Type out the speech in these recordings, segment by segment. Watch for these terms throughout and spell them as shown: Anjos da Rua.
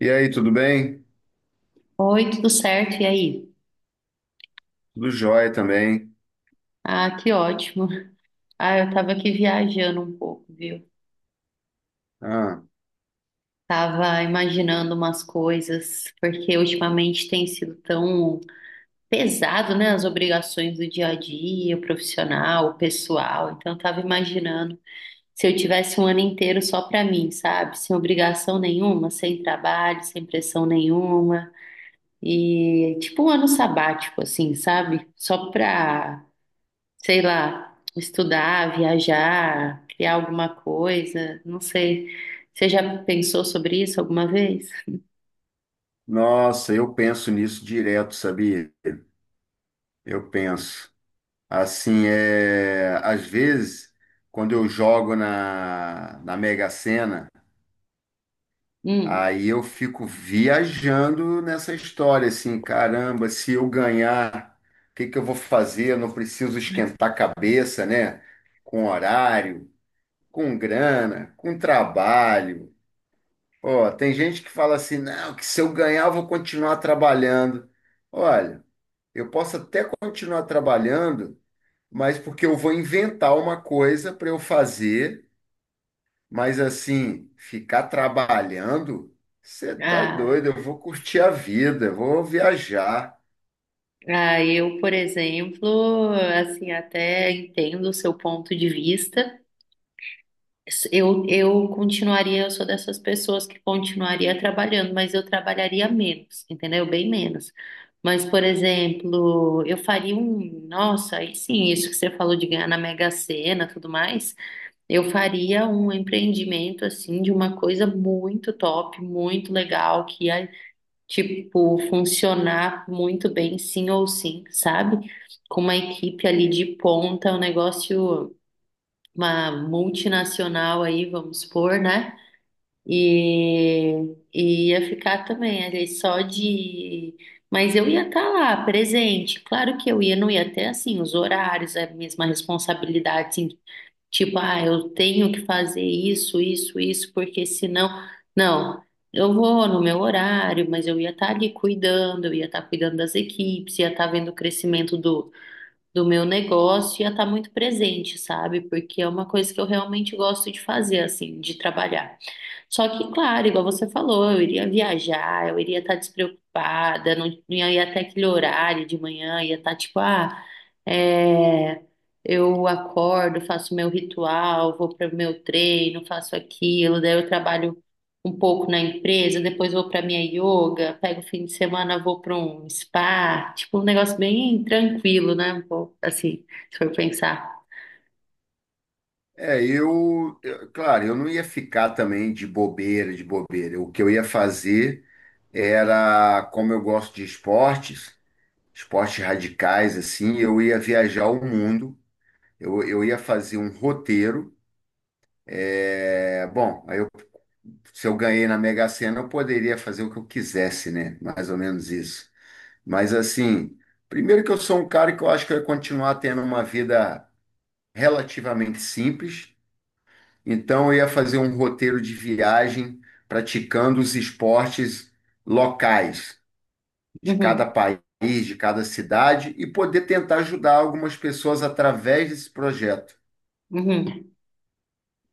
E aí, tudo bem? Oi, tudo certo? E aí? Tudo jóia também. Ah, que ótimo. Ah, eu tava aqui viajando um pouco, viu? Ah, Tava imaginando umas coisas, porque ultimamente tem sido tão pesado, né? As obrigações do dia a dia, o profissional, o pessoal. Então, eu tava imaginando se eu tivesse um ano inteiro só pra mim, sabe? Sem obrigação nenhuma, sem trabalho, sem pressão nenhuma. E tipo um ano sabático, assim, sabe? Só pra, sei lá, estudar, viajar, criar alguma coisa, não sei. Você já pensou sobre isso alguma vez? nossa, eu penso nisso direto, sabia? Eu penso. Às vezes, quando eu jogo na Mega Sena, Hum. aí eu fico viajando nessa história, assim, caramba, se eu ganhar, o que que eu vou fazer? Eu não preciso esquentar a cabeça, né? Com horário, com grana, com trabalho. Ó, tem gente que fala assim, não, que se eu ganhar eu vou continuar trabalhando. Olha, eu posso até continuar trabalhando, mas porque eu vou inventar uma coisa para eu fazer, mas assim, ficar trabalhando, você tá Ah, doido, eu vou curtir a vida, eu vou viajar. ah, eu, por exemplo, assim, até entendo o seu ponto de vista. Eu continuaria, eu sou dessas pessoas que continuaria trabalhando, mas eu trabalharia menos, entendeu? Bem menos. Mas, por exemplo, eu faria um, nossa, aí sim, isso que você falou de ganhar na Mega Sena, tudo mais. Eu faria um empreendimento assim de uma coisa muito top, muito legal, que ia, tipo, funcionar muito bem, sim ou sim, sabe? Com uma equipe ali de ponta, um negócio, uma multinacional aí, vamos supor, né? E ia ficar também ali só de. Mas eu ia estar lá, presente. Claro que eu ia, não ia ter assim os horários, a mesma responsabilidade, assim, tipo, ah, eu tenho que fazer isso, isso, isso, porque senão. Não, eu vou no meu horário, mas eu ia estar ali cuidando, eu ia estar cuidando das equipes, ia estar vendo o crescimento do meu negócio, ia estar muito presente, sabe? Porque é uma coisa que eu realmente gosto de fazer, assim, de trabalhar. Só que, claro, igual você falou, eu iria viajar, eu iria estar despreocupada, não ia até aquele horário de manhã, ia estar tipo, ah, é, eu acordo, faço meu ritual, vou para o meu treino, faço aquilo, daí eu trabalho um pouco na empresa, depois vou para minha yoga, pego o fim de semana, vou para um spa, tipo, um negócio bem tranquilo, né? Um pouco, assim, se for pensar. Claro, eu não ia ficar também de bobeira. O que eu ia fazer era, como eu gosto de esportes, esportes radicais, assim, eu ia viajar o mundo, eu ia fazer um roteiro. É, bom, aí eu, Se eu ganhei na Mega Sena, eu poderia fazer o que eu quisesse, né? Mais ou menos isso. Mas, assim, primeiro que eu sou um cara que eu acho que eu ia continuar tendo uma vida relativamente simples, então eu ia fazer um roteiro de viagem praticando os esportes locais de cada Uhum, país, de cada cidade, e poder tentar ajudar algumas pessoas através desse projeto, uhum.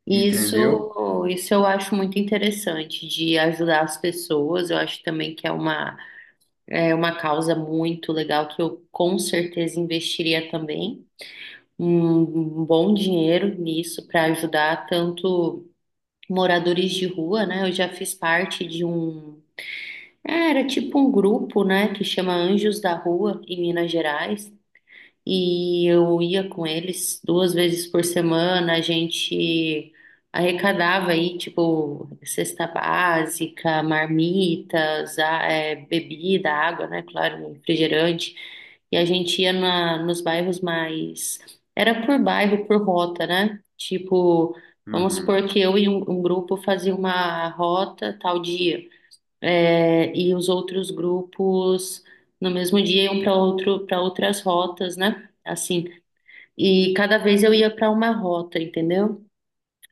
E entendeu? isso eu acho muito interessante de ajudar as pessoas. Eu acho também que é uma causa muito legal que eu com certeza investiria também um, um bom dinheiro nisso para ajudar tanto moradores de rua, né? Eu já fiz parte de um, é, era tipo um grupo, né, que chama Anjos da Rua em Minas Gerais e eu ia com eles duas vezes por semana, a gente arrecadava aí, tipo, cesta básica, marmitas, a- é, bebida, água, né? Claro, refrigerante. E a gente ia na, nos bairros mais. Era por bairro, por rota, né? Tipo, vamos supor Uhum, que eu e um grupo fazia uma rota tal dia é, e os outros grupos no mesmo dia iam para outro, para outras rotas, né? Assim, e cada vez eu ia para uma rota, entendeu?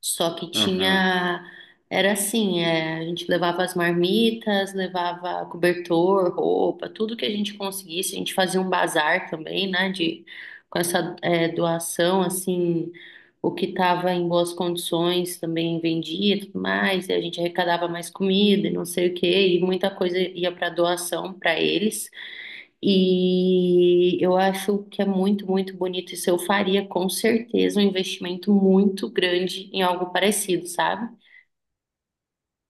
Só que uhum, tinha, era assim, é, a gente levava as marmitas, levava cobertor, roupa, tudo que a gente conseguisse. A gente fazia um bazar também, né, de, com essa, é, doação, assim, o que estava em boas condições também vendia e tudo mais. E a gente arrecadava mais comida e não sei o quê, e muita coisa ia para doação para eles. E eu acho que é muito, muito bonito. Isso eu faria com certeza um investimento muito grande em algo parecido, sabe?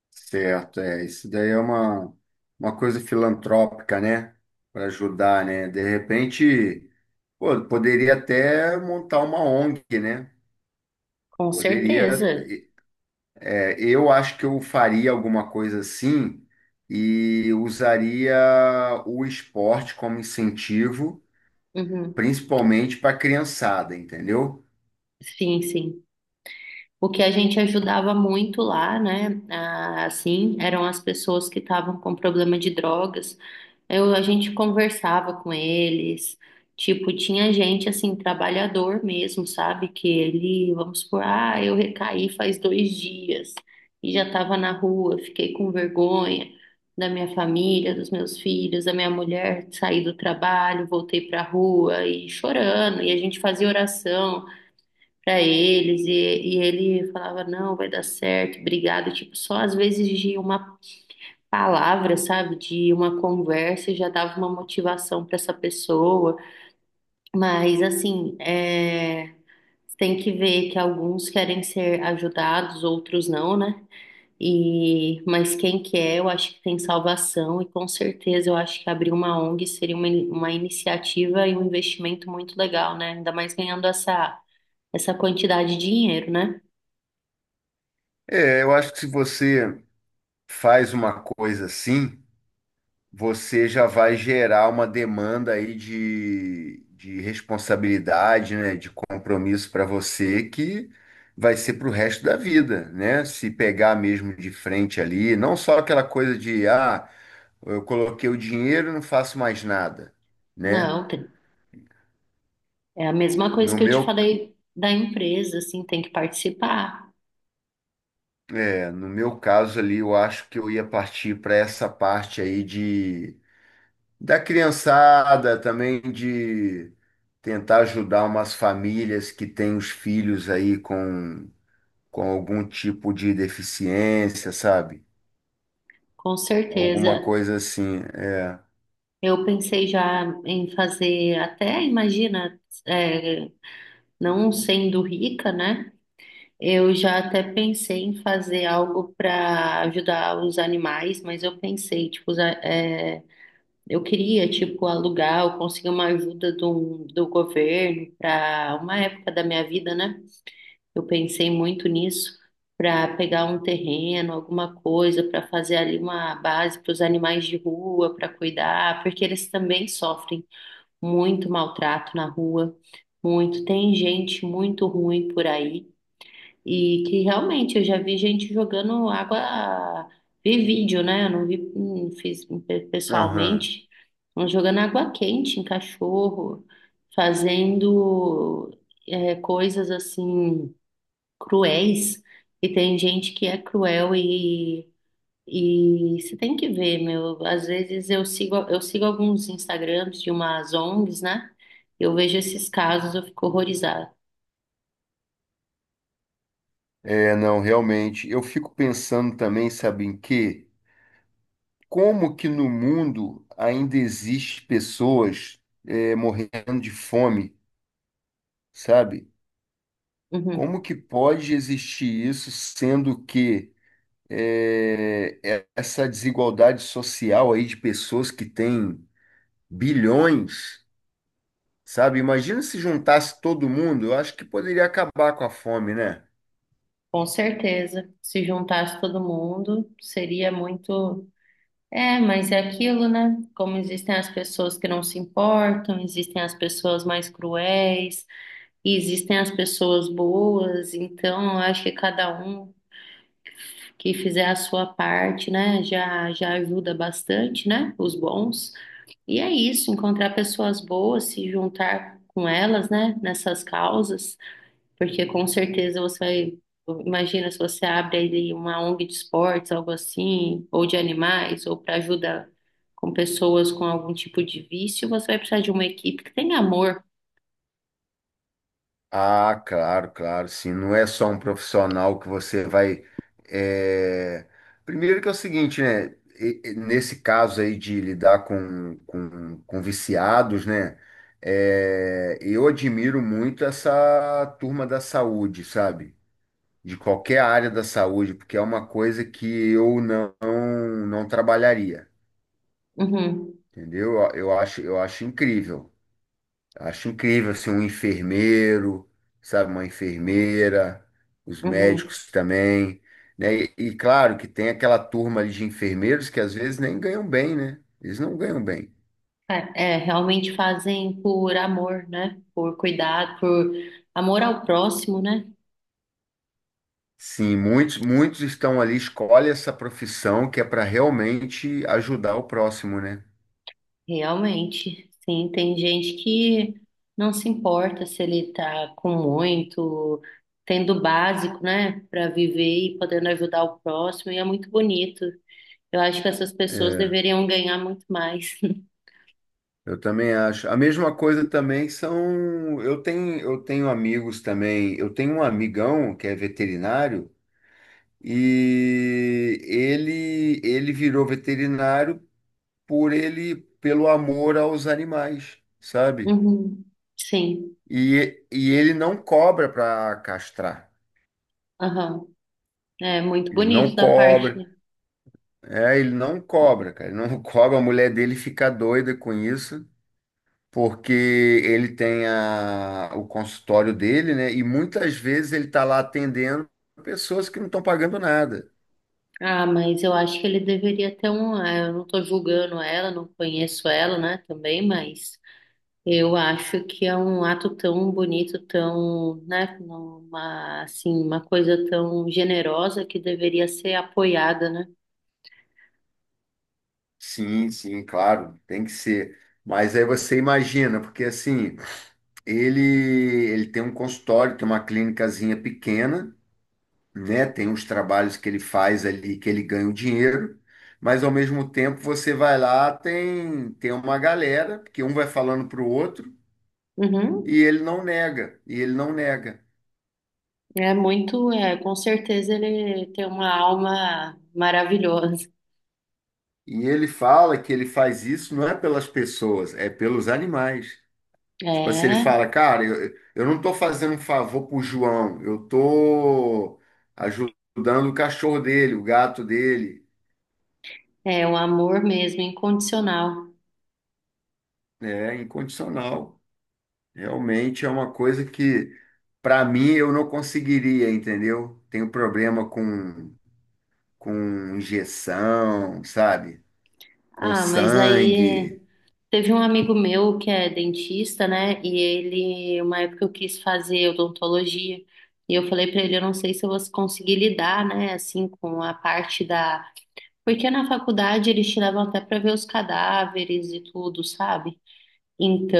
certo, isso daí é uma coisa filantrópica, né? Para ajudar, né? De repente, pô, poderia até montar uma ONG, né? Com Poderia, certeza. Eu acho que eu faria alguma coisa assim e usaria o esporte como incentivo Uhum. principalmente para a criançada, entendeu? Sim, sim. O que a gente ajudava muito lá, né? Ah, assim, eram as pessoas que estavam com problema de drogas. Eu, a gente conversava com eles. Tipo, tinha gente assim, trabalhador mesmo, sabe? Que ele, vamos supor, ah, eu recaí faz dois dias e já estava na rua, fiquei com vergonha da minha família, dos meus filhos, da minha mulher, saí do trabalho, voltei para a rua e chorando, e a gente fazia oração para eles e ele falava, não, vai dar certo, obrigado. Tipo, só às vezes de uma palavra, sabe, de uma conversa já dava uma motivação para essa pessoa. Mas assim, é, tem que ver que alguns querem ser ajudados, outros não, né? E, mas quem quer, eu acho que tem salvação, e com certeza eu acho que abrir uma ONG seria uma iniciativa e um investimento muito legal, né? Ainda mais ganhando essa, essa quantidade de dinheiro, né? É, eu acho que se você faz uma coisa assim, você já vai gerar uma demanda aí de responsabilidade, né, de compromisso para você, que vai ser para o resto da vida, né? Se pegar mesmo de frente ali, não só aquela coisa de, ah, eu coloquei o dinheiro e não faço mais nada, né? Não, tem- é a mesma coisa No que eu te meu, falei da empresa, assim, tem que participar, no meu caso ali, eu acho que eu ia partir para essa parte aí de da criançada, também de tentar ajudar umas famílias que têm os filhos aí com algum tipo de deficiência, sabe? com Alguma certeza. coisa assim, é. Eu pensei já em fazer, até imagina, é, não sendo rica, né? Eu já até pensei em fazer algo para ajudar os animais, mas eu pensei, tipo, usar- é, eu queria, tipo, alugar ou conseguir uma ajuda do governo para uma época da minha vida, né? Eu pensei muito nisso para pegar um terreno, alguma coisa, para fazer ali uma base para os animais de rua, para cuidar, porque eles também sofrem muito maltrato na rua, muito. Tem gente muito ruim por aí e que realmente eu já vi gente jogando água, vi vídeo, né? Eu não vi, não fiz Aham. pessoalmente, mas jogando água quente em cachorro, fazendo coisas assim cruéis e tem gente que é cruel e você tem que ver, meu, às vezes eu sigo alguns Instagrams de umas ONGs, né? Eu vejo esses casos, eu fico horrorizada. É, não, Realmente. Eu fico pensando também, sabe em quê? Como que no mundo ainda existe pessoas morrendo de fome, sabe? Uhum. Como que pode existir isso, sendo que essa desigualdade social aí de pessoas que têm bilhões, sabe? Imagina se juntasse todo mundo, eu acho que poderia acabar com a fome, né? Com certeza, se juntasse todo mundo, seria muito. É, mas é aquilo, né? Como existem as pessoas que não se importam, existem as pessoas mais cruéis, e existem as pessoas boas, então eu acho que cada um que fizer a sua parte, né, já, já ajuda bastante, né, os bons. E é isso, encontrar pessoas boas, se juntar com elas, né, nessas causas, porque com certeza você vai. Imagina se você abre aí uma ONG de esportes, algo assim, ou de animais, ou para ajudar com pessoas com algum tipo de vício, você vai precisar de uma equipe que tenha amor. Ah, claro, claro, sim. Não é só um profissional que você vai. é, Primeiro que é o seguinte, né? Nesse caso aí de lidar com viciados, né? Eu admiro muito essa turma da saúde, sabe? De qualquer área da saúde, porque é uma coisa que eu não trabalharia, Uhum, entendeu? Eu acho incrível. Acho incrível assim, um enfermeiro, sabe, uma enfermeira, os uhum. médicos também, né? Claro que tem aquela turma ali de enfermeiros que às vezes nem ganham bem, né? Eles não ganham bem. É, é, realmente fazem por amor, né? Por cuidado, por amor ao próximo, né? Sim, muitos muitos estão ali, escolhe essa profissão que é para realmente ajudar o próximo, né? Realmente, sim, tem gente que não se importa se ele tá com muito, tendo o básico, né, para viver e podendo ajudar o próximo, e é muito bonito. Eu acho que essas pessoas É, deveriam ganhar muito mais. Eu também acho. A mesma coisa também são. Eu tenho amigos também. Eu tenho um amigão que é veterinário, e ele virou veterinário por ele, pelo amor aos animais, sabe? Uhum, sim, Ele não cobra para castrar. aham. É muito Ele não bonito da parte, cobra. né? É, ele não cobra, cara. Ele não cobra. A mulher dele fica doida com isso, porque ele tem o consultório dele, né? E muitas vezes ele está lá atendendo pessoas que não estão pagando nada. Ah, mas eu acho que ele deveria ter um. Eu não tô julgando ela, não conheço ela, né, também, mas eu acho que é um ato tão bonito, tão, né, uma, assim, uma coisa tão generosa que deveria ser apoiada, né? Sim, sim, claro, tem que ser. Mas aí você imagina, porque assim, ele ele tem um consultório, tem uma clínicazinha pequena, né? Tem uns trabalhos que ele faz ali que ele ganha o dinheiro, mas ao mesmo tempo você vai lá, tem uma galera, porque um vai falando para o outro, e Uhum. ele não nega. É muito, é, com certeza ele tem uma alma maravilhosa. E ele fala que ele faz isso não é pelas pessoas, é pelos animais. Tipo assim, ele É, fala, cara, eu não estou fazendo um favor pro João, eu estou ajudando o cachorro dele, o gato dele. é um amor mesmo, incondicional. É incondicional. Realmente é uma coisa que, para mim, eu não conseguiria, entendeu? Tenho problema com injeção, sabe? Com Ah, mas aí. sangue, Teve um amigo meu que é dentista, né? E ele, uma época eu quis fazer odontologia. E eu falei pra ele, eu não sei se eu vou conseguir lidar, né, assim, com a parte da. Porque na faculdade eles te levam até pra ver os cadáveres e tudo, sabe?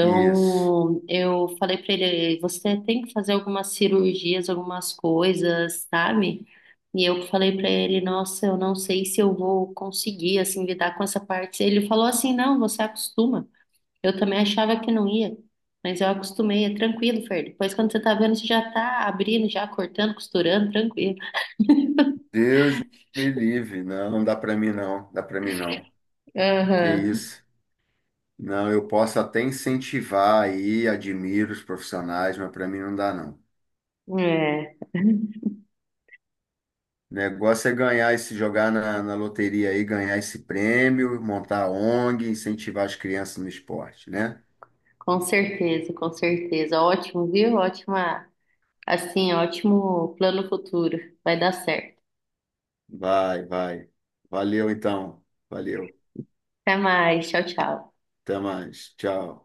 isso. eu falei pra ele, você tem que fazer algumas cirurgias, algumas coisas, sabe? E eu falei pra ele, nossa, eu não sei se eu vou conseguir, assim, lidar com essa parte. Ele falou assim, não, você acostuma. Eu também achava que não ia, mas eu acostumei, é tranquilo, Fer. Depois, quando você tá vendo, você já tá abrindo, já cortando, costurando, tranquilo. Deus me livre, não, não dá para mim não, dá para mim não. Que Aham. isso? Não, eu posso até incentivar aí, admiro os profissionais, mas para mim não dá não. É, O negócio é ganhar esse, jogar na loteria aí, ganhar esse prêmio, montar a ONG, incentivar as crianças no esporte, né? com certeza, com certeza. Ótimo, viu? Ótima, assim, ótimo plano futuro. Vai dar certo. Vai, vai. Valeu então, valeu. Até mais, tchau, tchau. Até mais, tchau.